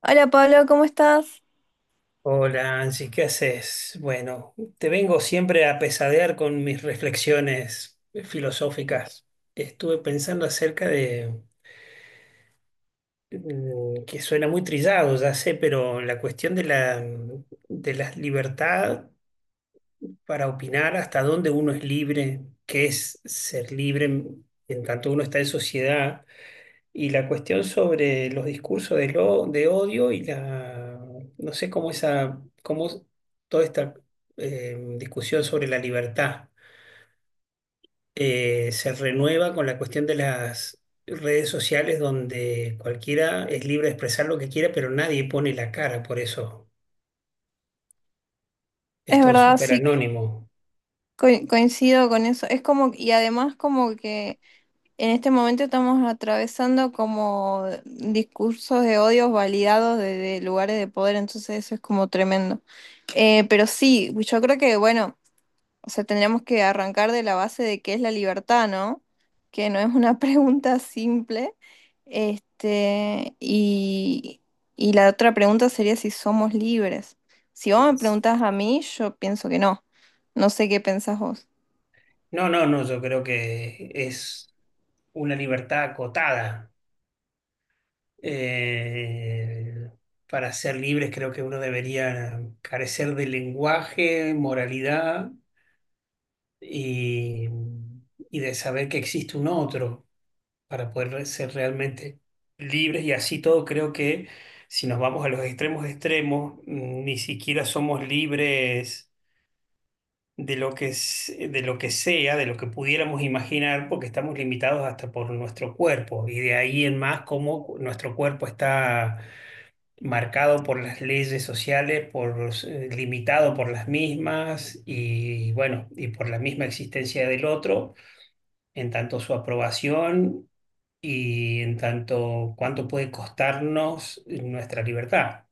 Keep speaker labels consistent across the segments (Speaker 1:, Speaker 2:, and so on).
Speaker 1: Hola Pablo, ¿cómo estás?
Speaker 2: Hola, Angie, ¿qué haces? Bueno, te vengo siempre a pesadear con mis reflexiones filosóficas. Estuve pensando acerca de, que suena muy trillado, ya sé, pero la cuestión de la, de la libertad para opinar hasta dónde uno es libre, qué es ser libre en tanto uno está en sociedad. Y la cuestión sobre los discursos de, de odio y la, no sé cómo esa, cómo toda esta discusión sobre la libertad se renueva con la cuestión de las redes sociales donde cualquiera es libre de expresar lo que quiera, pero nadie pone la cara por eso. Es
Speaker 1: Es
Speaker 2: todo
Speaker 1: verdad,
Speaker 2: súper
Speaker 1: sí,
Speaker 2: anónimo.
Speaker 1: coincido con eso. Es como, y además como que en este momento estamos atravesando como discursos de odios validados de lugares de poder, entonces eso es como tremendo. Pero sí, yo creo que, bueno. O sea, tendríamos que arrancar de la base de qué es la libertad, ¿no? Que no es una pregunta simple. Este, y la otra pregunta sería si somos libres. Si vos me preguntás a mí, yo pienso que no. No sé qué pensás vos.
Speaker 2: No, no, no, yo creo que es una libertad acotada. Eh, para ser libres creo que uno debería carecer de lenguaje, moralidad y, y de saber que existe un otro para poder ser realmente libres y así todo creo que si nos vamos a los extremos extremos, ni siquiera somos libres de lo que, de lo que sea, de lo que pudiéramos imaginar, porque estamos limitados hasta por nuestro cuerpo y de ahí en más cómo nuestro cuerpo está marcado por las leyes sociales, por, los, limitado por las mismas y bueno, y por la misma existencia del otro, en tanto su aprobación y en tanto cuánto puede costarnos nuestra libertad,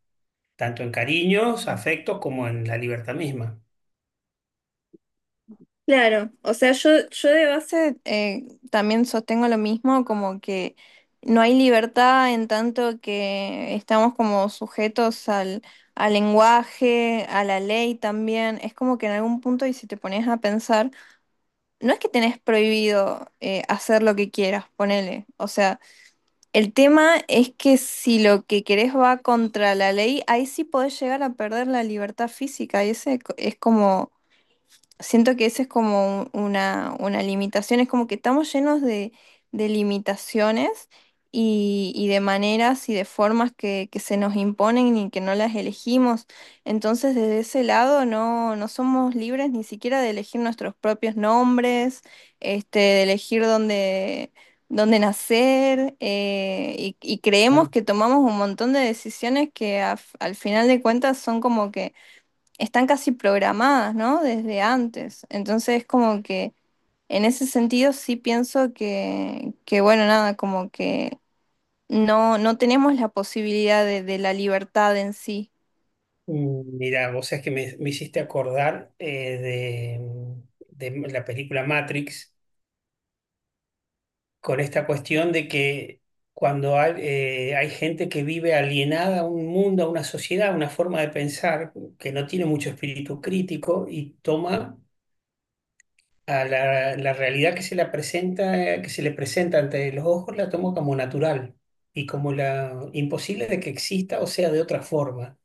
Speaker 2: tanto en cariños, afectos como en la libertad misma.
Speaker 1: Claro, o sea, yo de base también sostengo lo mismo, como que no hay libertad en tanto que estamos como sujetos al lenguaje, a la ley también. Es como que en algún punto, y si te pones a pensar, no es que tenés prohibido hacer lo que quieras, ponele. O sea, el tema es que si lo que querés va contra la ley, ahí sí podés llegar a perder la libertad física, y ese es es como siento que esa es como una limitación, es como que estamos llenos de limitaciones y de maneras y de formas que se nos imponen y que no las elegimos. Entonces, desde ese lado no, no somos libres ni siquiera de elegir nuestros propios nombres, este, de elegir dónde, dónde nacer, y creemos
Speaker 2: Claro.
Speaker 1: que tomamos un montón de decisiones que al final de cuentas son como que están casi programadas, ¿no? Desde antes. Entonces, como que en ese sentido sí pienso que bueno, nada, como que no, no tenemos la posibilidad de la libertad en sí.
Speaker 2: Mira, vos sabés que me hiciste acordar de la película Matrix con esta cuestión de que cuando hay, hay gente que vive alienada a un mundo, a una sociedad, a una forma de pensar que no tiene mucho espíritu crítico y toma a la, la realidad que se la presenta, que se le presenta ante los ojos, la toma como natural y como la imposible de que exista o sea de otra forma.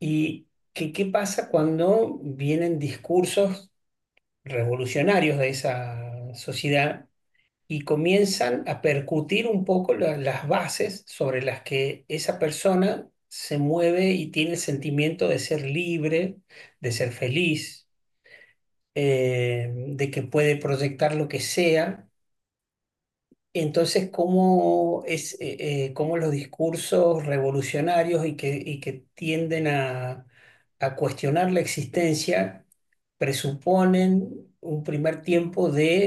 Speaker 2: ¿Y qué, qué pasa cuando vienen discursos revolucionarios de esa sociedad? Y comienzan a percutir un poco las bases sobre las que esa persona se mueve y tiene el sentimiento de ser libre, de ser feliz, de que puede proyectar lo que sea entonces, ¿cómo es, cómo los discursos revolucionarios y que tienden a cuestionar la existencia presuponen un primer tiempo de,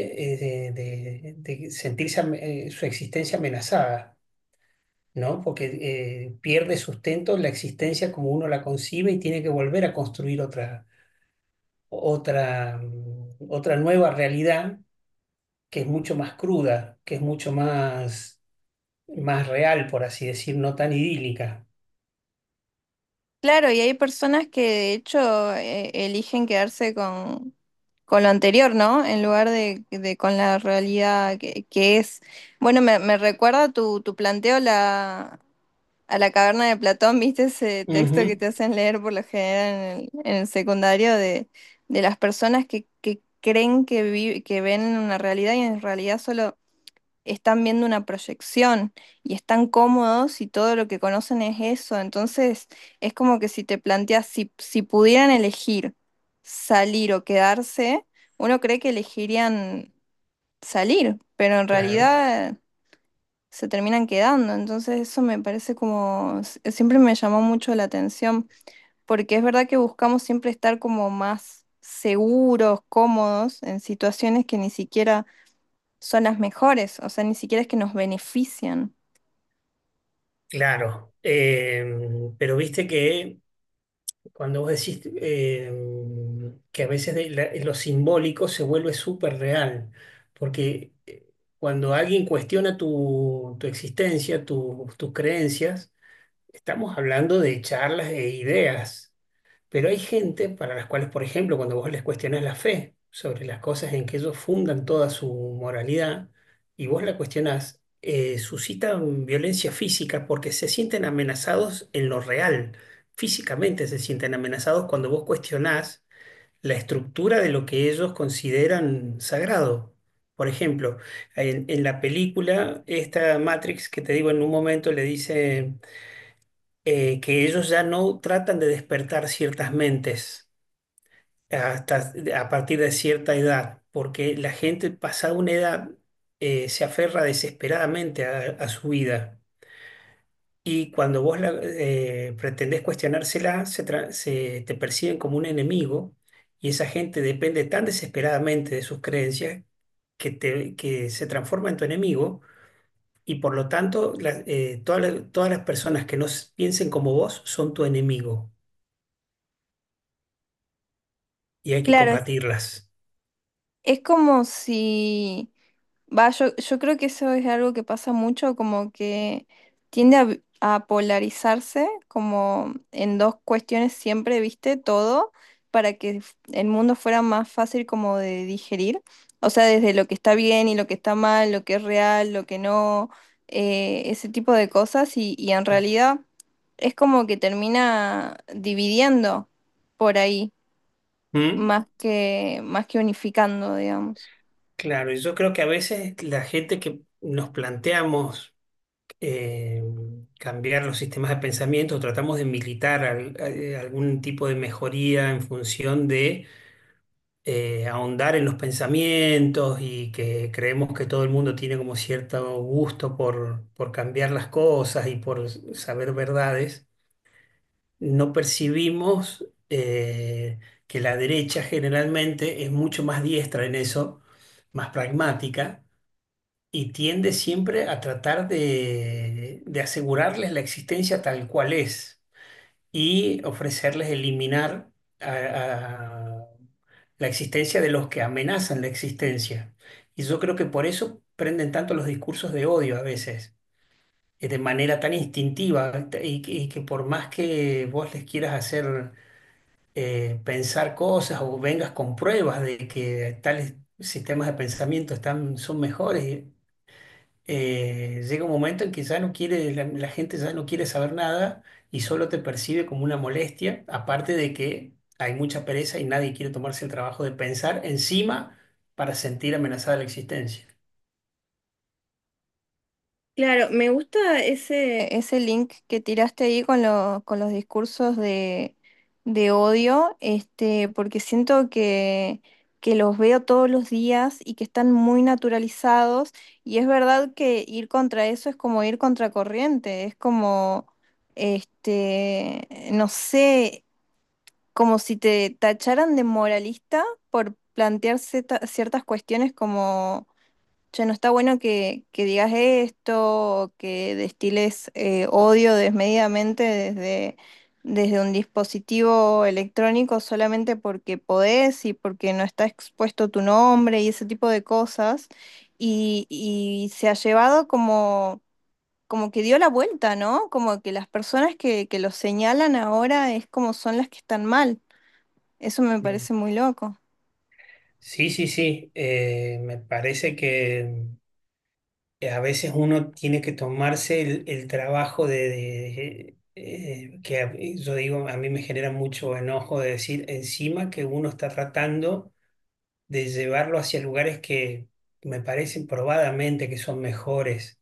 Speaker 2: de sentirse su existencia amenazada, ¿no? Porque pierde sustento la existencia como uno la concibe y tiene que volver a construir otra, otra, otra nueva realidad que es mucho más cruda, que es mucho más más real, por así decir, no tan idílica.
Speaker 1: Claro, y hay personas que de hecho eligen quedarse con lo anterior, ¿no? En lugar de con la realidad que es. Bueno, me recuerda tu, tu planteo la, a la caverna de Platón. ¿Viste ese texto que
Speaker 2: Ujú,
Speaker 1: te hacen leer por lo general en el secundario de las personas que creen que, que ven una realidad y en realidad solo están viendo una proyección y están cómodos y todo lo que conocen es eso? Entonces es como que si te planteas, si, si pudieran elegir salir o quedarse, uno cree que elegirían salir, pero en
Speaker 2: claro,
Speaker 1: realidad se terminan quedando. Entonces eso me parece como, siempre me llamó mucho la atención, porque es verdad que buscamos siempre estar como más seguros, cómodos, en situaciones que ni siquiera son las mejores, o sea, ni siquiera es que nos benefician.
Speaker 2: claro. Pero viste que cuando vos decís que a veces de lo simbólico se vuelve súper real, porque cuando alguien cuestiona tu, tu existencia, tus creencias, estamos hablando de charlas e ideas. Pero hay gente para las cuales, por ejemplo, cuando vos les cuestionás la fe sobre las cosas en que ellos fundan toda su moralidad y vos la cuestionás, suscitan violencia física porque se sienten amenazados en lo real. Físicamente se sienten amenazados cuando vos cuestionás la estructura de lo que ellos consideran sagrado. Por ejemplo, en la película, esta Matrix que te digo en un momento le dice que ellos ya no tratan de despertar ciertas mentes hasta a partir de cierta edad, porque la gente pasada una edad se aferra desesperadamente a su vida y cuando vos la, pretendés cuestionársela, se, se te perciben como un enemigo y esa gente depende tan desesperadamente de sus creencias que, te, que se transforma en tu enemigo. Y por lo tanto, todas las personas que no s- piensen como vos son tu enemigo y hay que
Speaker 1: Claro,
Speaker 2: combatirlas.
Speaker 1: es como si... Va, yo creo que eso es algo que pasa mucho, como que tiende a, a polarizarse como en dos cuestiones siempre, ¿viste? Todo para que el mundo fuera más fácil como de digerir. O sea, desde lo que está bien y lo que está mal, lo que es real, lo que no, ese tipo de cosas. Y en realidad es como que termina dividiendo por ahí,
Speaker 2: ¿Mm?
Speaker 1: más que unificando, digamos.
Speaker 2: Claro, y yo creo que a veces la gente que nos planteamos eh, cambiar los sistemas de pensamiento, tratamos de militar algún tipo de mejoría en función de ahondar en los pensamientos y que creemos que todo el mundo tiene como cierto gusto por cambiar las cosas y por saber verdades, no percibimos que la derecha generalmente es mucho más diestra en eso, más pragmática y tiende siempre a tratar de asegurarles la existencia tal cual es y ofrecerles eliminar a la existencia de los que amenazan la existencia. Y yo creo que por eso prenden tanto los discursos de odio a veces, de manera tan instintiva y que por más que vos les quieras hacer pensar cosas o vengas con pruebas de que tales sistemas de pensamiento están, son mejores, llega un momento en que ya no quiere, la gente ya no quiere saber nada y solo te percibe como una molestia, aparte de que hay mucha pereza y nadie quiere tomarse el trabajo de pensar encima para sentir amenazada la existencia.
Speaker 1: Claro, me gusta ese, ese link que tiraste ahí con, con los discursos de odio, este, porque siento que los veo todos los días y que están muy naturalizados. Y es verdad que ir contra eso es como ir contra corriente, es como, este, no sé, como si te tacharan de moralista por plantear ciertas cuestiones. Che, no está bueno que digas esto, o que destiles odio desmedidamente desde, desde un dispositivo electrónico solamente porque podés y porque no está expuesto tu nombre y ese tipo de cosas. Y se ha llevado como, como que dio la vuelta, ¿no? Como que las personas que lo señalan ahora es como son las que están mal. Eso me parece muy loco.
Speaker 2: Sí, sí, sí. Me parece que a veces uno tiene que tomarse el trabajo de, que yo digo, a mí me genera mucho enojo de decir encima que uno está tratando de llevarlo hacia lugares que me parecen probadamente que son mejores.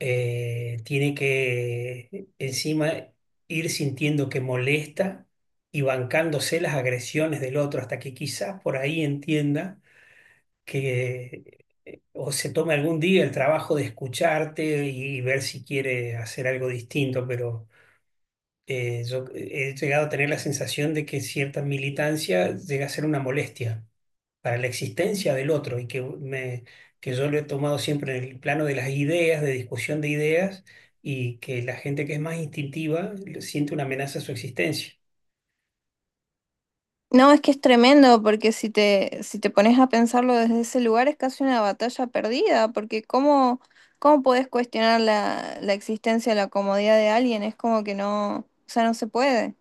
Speaker 2: Tiene que encima ir sintiendo que molesta y bancándose las agresiones del otro hasta que quizás por ahí entienda que o se tome algún día el trabajo de escucharte y ver si quiere hacer algo distinto, pero yo he llegado a tener la sensación de que cierta militancia llega a ser una molestia para la existencia del otro y que, me, que yo lo he tomado siempre en el plano de las ideas, de discusión de ideas, y que la gente que es más instintiva siente una amenaza a su existencia.
Speaker 1: No, es que es tremendo, porque si te, si te pones a pensarlo desde ese lugar es casi una batalla perdida, porque ¿cómo, cómo podés cuestionar la, la existencia, la comodidad de alguien? Es como que no, o sea, no se puede.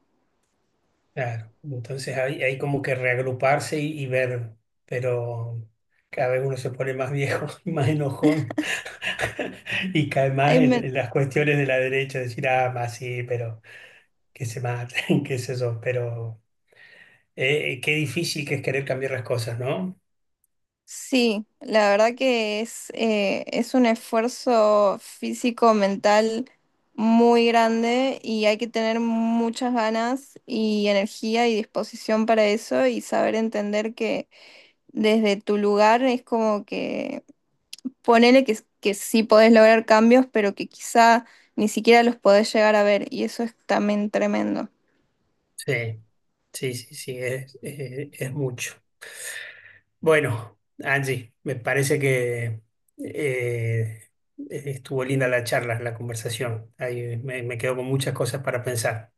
Speaker 2: Claro, entonces hay como que reagruparse y ver, pero cada vez uno se pone más viejo, y más enojón. Y cae más
Speaker 1: Ay, me-
Speaker 2: en las cuestiones de la derecha, decir, ah, más sí, pero que se maten, qué sé yo, pero qué difícil que es querer cambiar las cosas, ¿no?
Speaker 1: sí, la verdad que es un esfuerzo físico, mental muy grande y hay que tener muchas ganas y energía y disposición para eso y saber entender que desde tu lugar es como que... Ponele que sí podés lograr cambios, pero que quizá ni siquiera los podés llegar a ver, y eso es también tremendo.
Speaker 2: Sí, sí, sí, sí, es mucho. Bueno, Angie, me parece que eh, estuvo linda la charla, la conversación. Ahí me, me quedo con muchas cosas para pensar.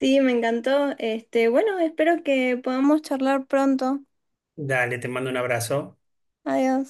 Speaker 1: Sí, me encantó. Este, bueno, espero que podamos charlar pronto.
Speaker 2: Dale, te mando un abrazo.
Speaker 1: Adiós.